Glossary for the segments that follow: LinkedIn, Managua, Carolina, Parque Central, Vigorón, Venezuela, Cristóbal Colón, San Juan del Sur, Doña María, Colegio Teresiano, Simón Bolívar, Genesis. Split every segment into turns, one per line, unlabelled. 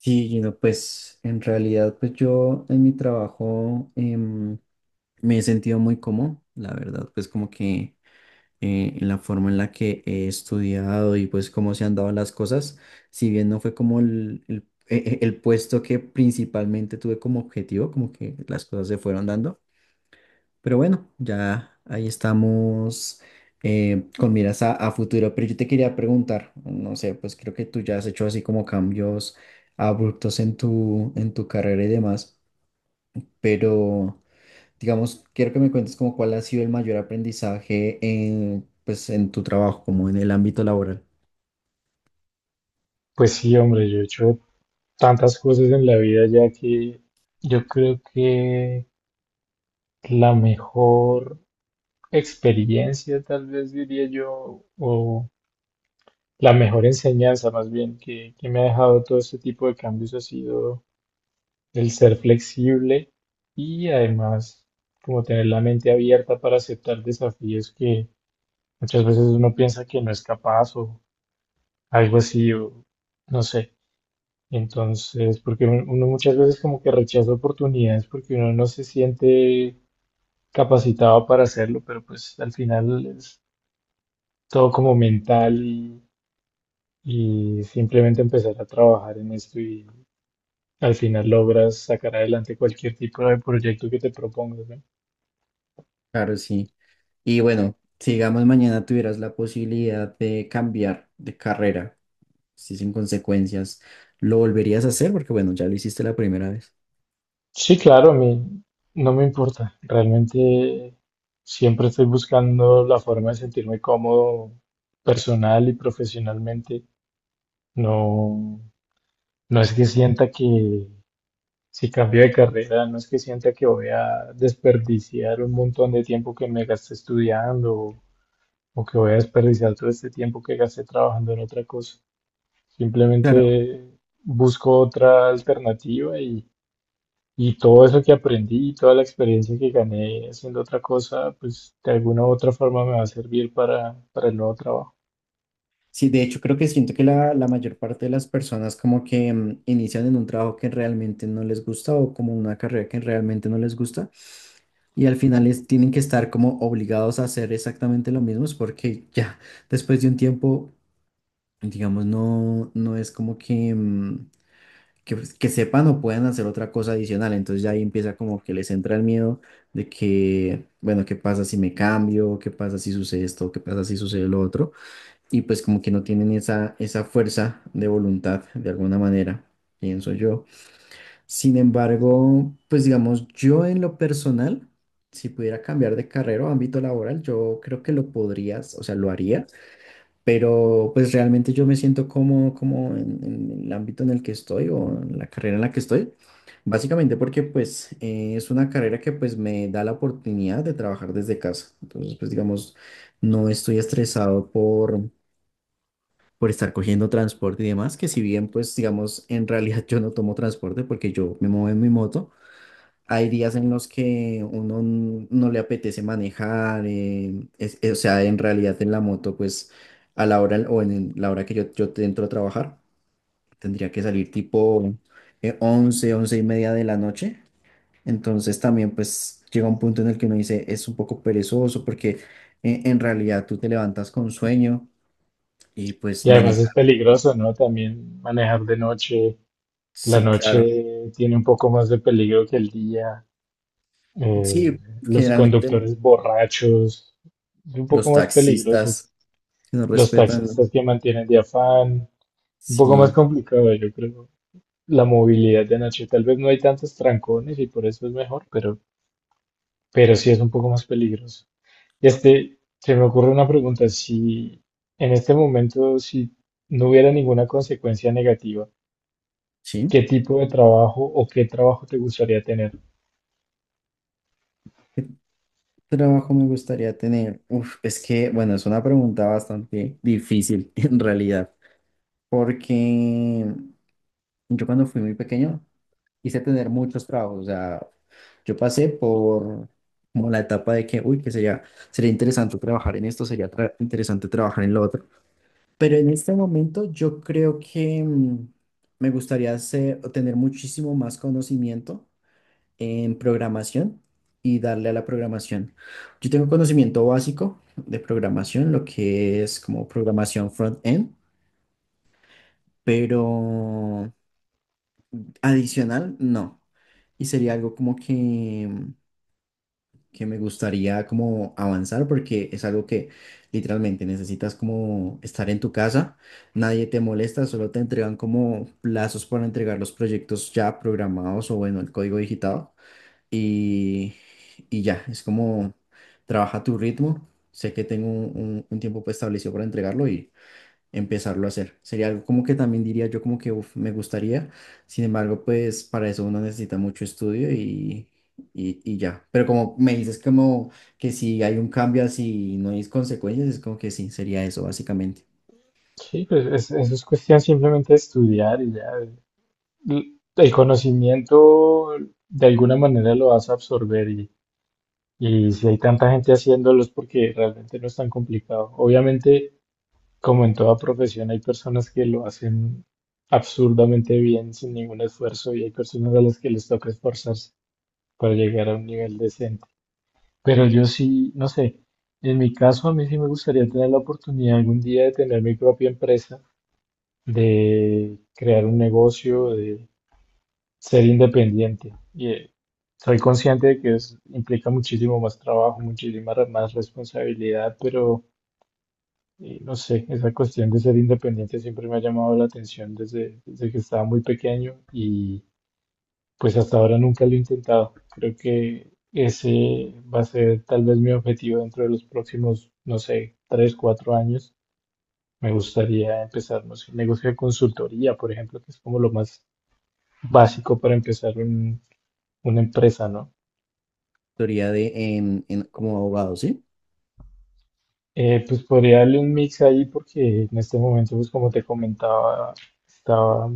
Sí, Gino, pues en realidad, pues yo en mi trabajo me he sentido muy cómodo, la verdad, pues como que en la forma en la que he estudiado y pues cómo se han dado las cosas. Si bien no fue como el puesto que principalmente tuve como objetivo, como que las cosas se fueron dando. Pero bueno, ya ahí estamos con miras a futuro. Pero yo te quería preguntar, no sé, pues creo que tú ya has hecho así como cambios abruptos en tu carrera y demás, pero digamos, quiero que me cuentes como cuál ha sido el mayor aprendizaje en, pues, en tu trabajo, como en el ámbito laboral.
Pues sí, hombre, yo he hecho tantas cosas en la vida ya que yo creo que la mejor experiencia, tal vez diría yo, o la mejor enseñanza más bien que me ha dejado todo este tipo de cambios ha sido el ser flexible y además como tener la mente abierta para aceptar desafíos que muchas veces uno piensa que no es capaz o algo así, o no sé. Entonces, porque uno muchas veces como que rechaza oportunidades porque uno no se siente capacitado para hacerlo, pero pues al final es todo como mental y simplemente empezar a trabajar en esto y al final logras sacar adelante cualquier tipo de proyecto que te propongas, ¿no?
Claro, sí. Y bueno, si digamos mañana tuvieras la posibilidad de cambiar de carrera, sí, sin consecuencias, ¿lo volverías a hacer? Porque bueno, ya lo hiciste la primera vez.
Sí, claro, a mí no me importa. Realmente siempre estoy buscando la forma de sentirme cómodo personal y profesionalmente. No, no es que sienta que si cambio de carrera, no es que sienta que voy a desperdiciar un montón de tiempo que me gasté estudiando o que voy a desperdiciar todo este tiempo que gasté trabajando en otra cosa.
Claro.
Simplemente busco otra alternativa y todo eso que aprendí y toda la experiencia que gané haciendo otra cosa, pues de alguna u otra forma me va a servir para el nuevo trabajo.
Sí, de hecho creo que siento que la mayor parte de las personas como que inician en un trabajo que realmente no les gusta o como una carrera que realmente no les gusta y al final tienen que estar como obligados a hacer exactamente lo mismo. Es porque ya después de un tiempo, digamos, no, no es como que, pues, que sepan o puedan hacer otra cosa adicional. Entonces ya ahí empieza como que les entra el miedo de que, bueno, ¿qué pasa si me cambio? ¿Qué pasa si sucede esto? ¿Qué pasa si sucede lo otro? Y pues como que no tienen esa fuerza de voluntad de alguna manera, pienso yo. Sin embargo, pues digamos, yo en lo personal, si pudiera cambiar de carrera o ámbito laboral, yo creo que lo podrías, o sea, lo haría, pero pues realmente yo me siento cómodo como en el ámbito en el que estoy o en la carrera en la que estoy, básicamente porque pues es una carrera que pues me da la oportunidad de trabajar desde casa. Entonces pues digamos, no estoy estresado por estar cogiendo transporte y demás, que si bien pues digamos, en realidad yo no tomo transporte porque yo me muevo en mi moto. Hay días en los que uno no le apetece manejar, o sea, en realidad en la moto, pues a la hora o en la hora que yo te entro a trabajar, tendría que salir tipo 11, 11 y media de la noche. Entonces también pues llega un punto en el que uno dice, es un poco perezoso porque en realidad tú te levantas con sueño y pues
Y además es
manejar.
peligroso, ¿no? También manejar de noche. La
Sí, claro.
noche tiene un poco más de peligro que el día. eh,
Sí,
los
generalmente
conductores borrachos, es un poco
los
más peligroso.
taxistas que no
Los
respetan,
taxistas que mantienen de afán, un poco más
sí,
complicado, yo creo. La movilidad de noche, tal vez no hay tantos trancones y por eso es mejor, pero sí es un poco más peligroso. Este, se me ocurre una pregunta, si en este momento, si no hubiera ninguna consecuencia negativa,
sí.
¿qué tipo de trabajo o qué trabajo te gustaría tener?
¿Trabajo me gustaría tener? Uf, es que, bueno, es una pregunta bastante difícil en realidad, porque yo cuando fui muy pequeño quise tener muchos trabajos, o sea, yo pasé por como la etapa de que, uy, que sería interesante trabajar en esto, sería interesante trabajar en lo otro, pero en este momento yo creo que me gustaría tener muchísimo más conocimiento en programación y darle a la programación. Yo tengo conocimiento básico de programación, lo que es como programación front-end, pero adicional no. Y sería algo como que me gustaría como avanzar porque es algo que literalmente necesitas como estar en tu casa, nadie te molesta, solo te entregan como plazos para entregar los proyectos ya programados o bueno, el código digitado. y, y ya, es como trabaja tu ritmo. Sé que tengo un tiempo pues, establecido para entregarlo y empezarlo a hacer. Sería algo como que también diría yo como que uf, me gustaría. Sin embargo, pues para eso uno necesita mucho estudio y ya. Pero como me dices como que si hay un cambio así y no hay consecuencias, es como que sí, sería eso básicamente.
Sí, pues eso es cuestión simplemente de estudiar y ya. El conocimiento de alguna manera lo vas a absorber y si hay tanta gente haciéndolo es porque realmente no es tan complicado. Obviamente, como en toda profesión, hay personas que lo hacen absurdamente bien sin ningún esfuerzo y hay personas a las que les toca esforzarse para llegar a un nivel decente. Pero yo sí, no sé, en mi caso a mí sí me gustaría tener la oportunidad algún día de tener mi propia empresa de crear un negocio, de ser independiente. Y soy consciente de que implica muchísimo más trabajo, muchísima más responsabilidad, pero no sé, esa cuestión de ser independiente siempre me ha llamado la atención desde que estaba muy pequeño y pues hasta ahora nunca lo he intentado. Creo que ese va a ser tal vez mi objetivo dentro de los próximos, no sé, 3, 4 años. Me gustaría empezar, no sé, un negocio de consultoría, por ejemplo, que es como lo más básico para una empresa, ¿no?
Teoría de como abogado, ¿sí?
Pues podría darle un mix ahí porque en este momento, pues como te comentaba, estaba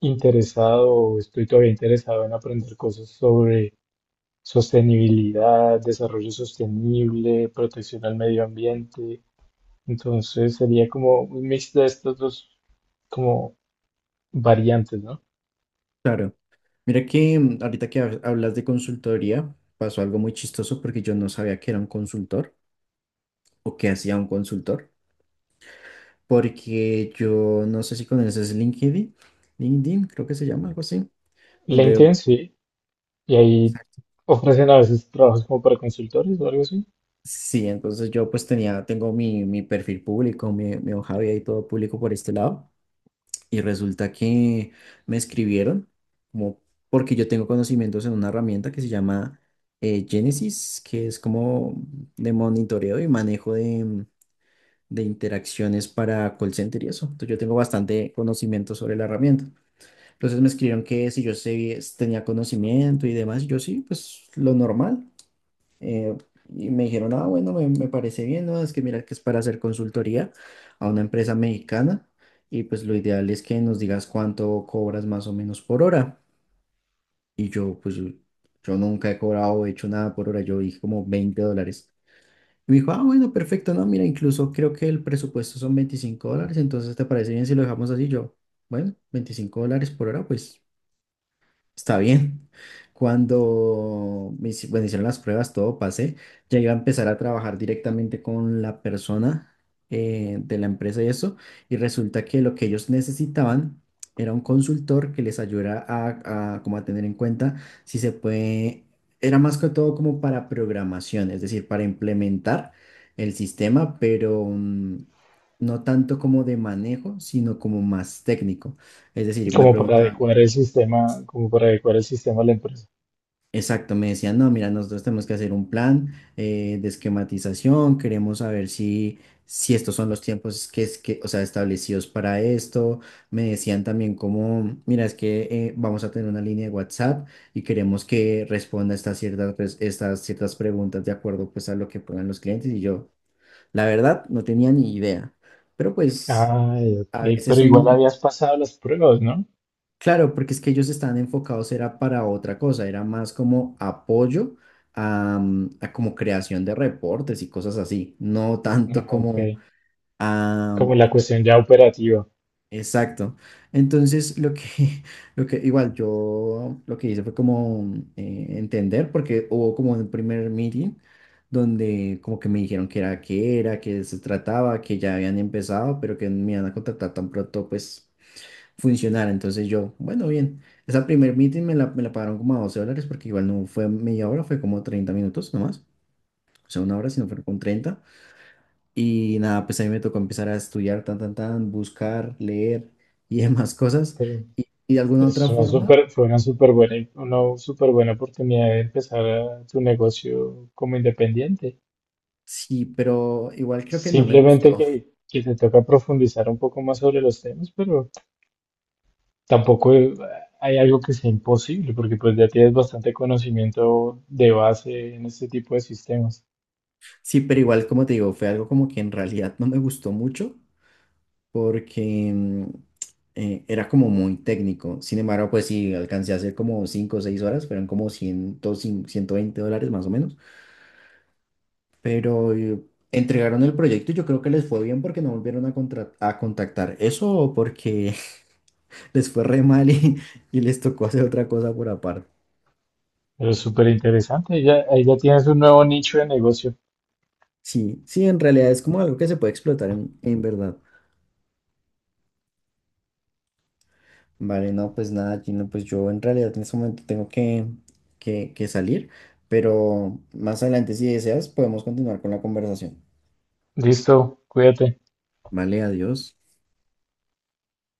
interesado o estoy todavía interesado en aprender cosas sobre sostenibilidad, desarrollo sostenible, protección al medio ambiente. Entonces sería como un mix de estos dos como variantes, ¿no?
Claro. Mira que ahorita que hablas de consultoría, pasó algo muy chistoso porque yo no sabía que era un consultor o que hacía un consultor, porque yo no sé si conoces LinkedIn, LinkedIn creo que se llama algo así,
La
donde.
intención, sí, y ahí
Exacto.
ofrecen a veces trabajos como para consultores o algo así.
Sí, entonces yo pues tenía, tengo mi perfil público, mi hoja de vida y todo público por este lado. Y resulta que me escribieron, como porque yo tengo conocimientos en una herramienta que se llama Genesis, que es como de monitoreo y manejo de interacciones para call center y eso. Entonces yo tengo bastante conocimiento sobre la herramienta. Entonces me escribieron que si yo tenía conocimiento y demás, y yo sí, pues lo normal. Eh, y me dijeron, ah, bueno, me parece bien, ¿no? Es que mira que es para hacer consultoría a una empresa mexicana y pues lo ideal es que nos digas cuánto cobras más o menos por hora. Y yo, pues yo nunca he cobrado o hecho nada por hora, yo dije como $20. Y me dijo, ah, bueno, perfecto, no, mira, incluso creo que el presupuesto son $25, entonces ¿te parece bien si lo dejamos así? Yo, bueno, $25 por hora, pues está bien. Cuando bueno, hicieron las pruebas, todo pasé, ya iba a empezar a trabajar directamente con la persona de la empresa y eso, y resulta que lo que ellos necesitaban era un consultor que les ayudara a como a tener en cuenta si se puede, era más que todo como para programación, es decir, para implementar el sistema, pero no tanto como de manejo, sino como más técnico. Es decir, me
Como para
preguntaban.
adecuar el sistema, como para adecuar el sistema a la empresa.
Exacto, me decían, no, mira, nosotros tenemos que hacer un plan de esquematización, queremos saber si estos son los tiempos que, es que, o sea, establecidos para esto. Me decían también como, mira, es que vamos a tener una línea de WhatsApp y queremos que responda estas ciertas preguntas de acuerdo pues a lo que pongan los clientes. Y yo, la verdad, no tenía ni idea. Pero pues
Ay,
a
ok, pero
veces
igual
uno.
habías pasado las pruebas, ¿no?
Claro, porque es que ellos estaban enfocados, era para otra cosa, era más como apoyo a como creación de reportes y cosas así, no tanto
Ah,
como
ok,
a.
como la cuestión ya operativa,
Exacto. Entonces, lo que igual yo lo que hice fue como entender, porque hubo como un primer meeting donde como que me dijeron que era, qué era, que se trataba, que ya habían empezado, pero que me iban a contratar tan pronto, pues funcionara. Entonces yo, bueno, bien. Esa primer meeting me la pagaron como a $12 porque igual no fue media hora, fue como 30 minutos nomás. O sea, una hora, sino fue con 30. Y nada, pues a mí me tocó empezar a estudiar, tan, tan, tan, buscar, leer y demás cosas.
pero
Y de alguna
es
otra
una
forma,
súper, fue una súper buena oportunidad de tu negocio como independiente.
sí, pero igual creo que no me gustó.
Simplemente que, que te toca profundizar un poco más sobre los temas, pero tampoco hay algo que sea imposible, porque pues ya tienes bastante conocimiento de base en este tipo de sistemas.
Sí, pero igual, como te digo, fue algo como que en realidad no me gustó mucho, porque era como muy técnico. Sin embargo, pues sí, alcancé a hacer como 5 o 6 horas, fueron como 100, $120 más o menos. Pero entregaron el proyecto y yo creo que les fue bien porque no volvieron a contactar. Eso o porque les fue re mal y les tocó hacer otra cosa por aparte.
Pero es súper interesante. Ya, ahí ya tienes un nuevo nicho de negocio.
Sí, sí, en realidad es como algo que se puede explotar en verdad. Vale, no, pues nada, Gino, pues yo en realidad en este momento tengo que salir, pero más adelante si deseas podemos continuar con la conversación.
Listo, cuídate.
Vale, adiós.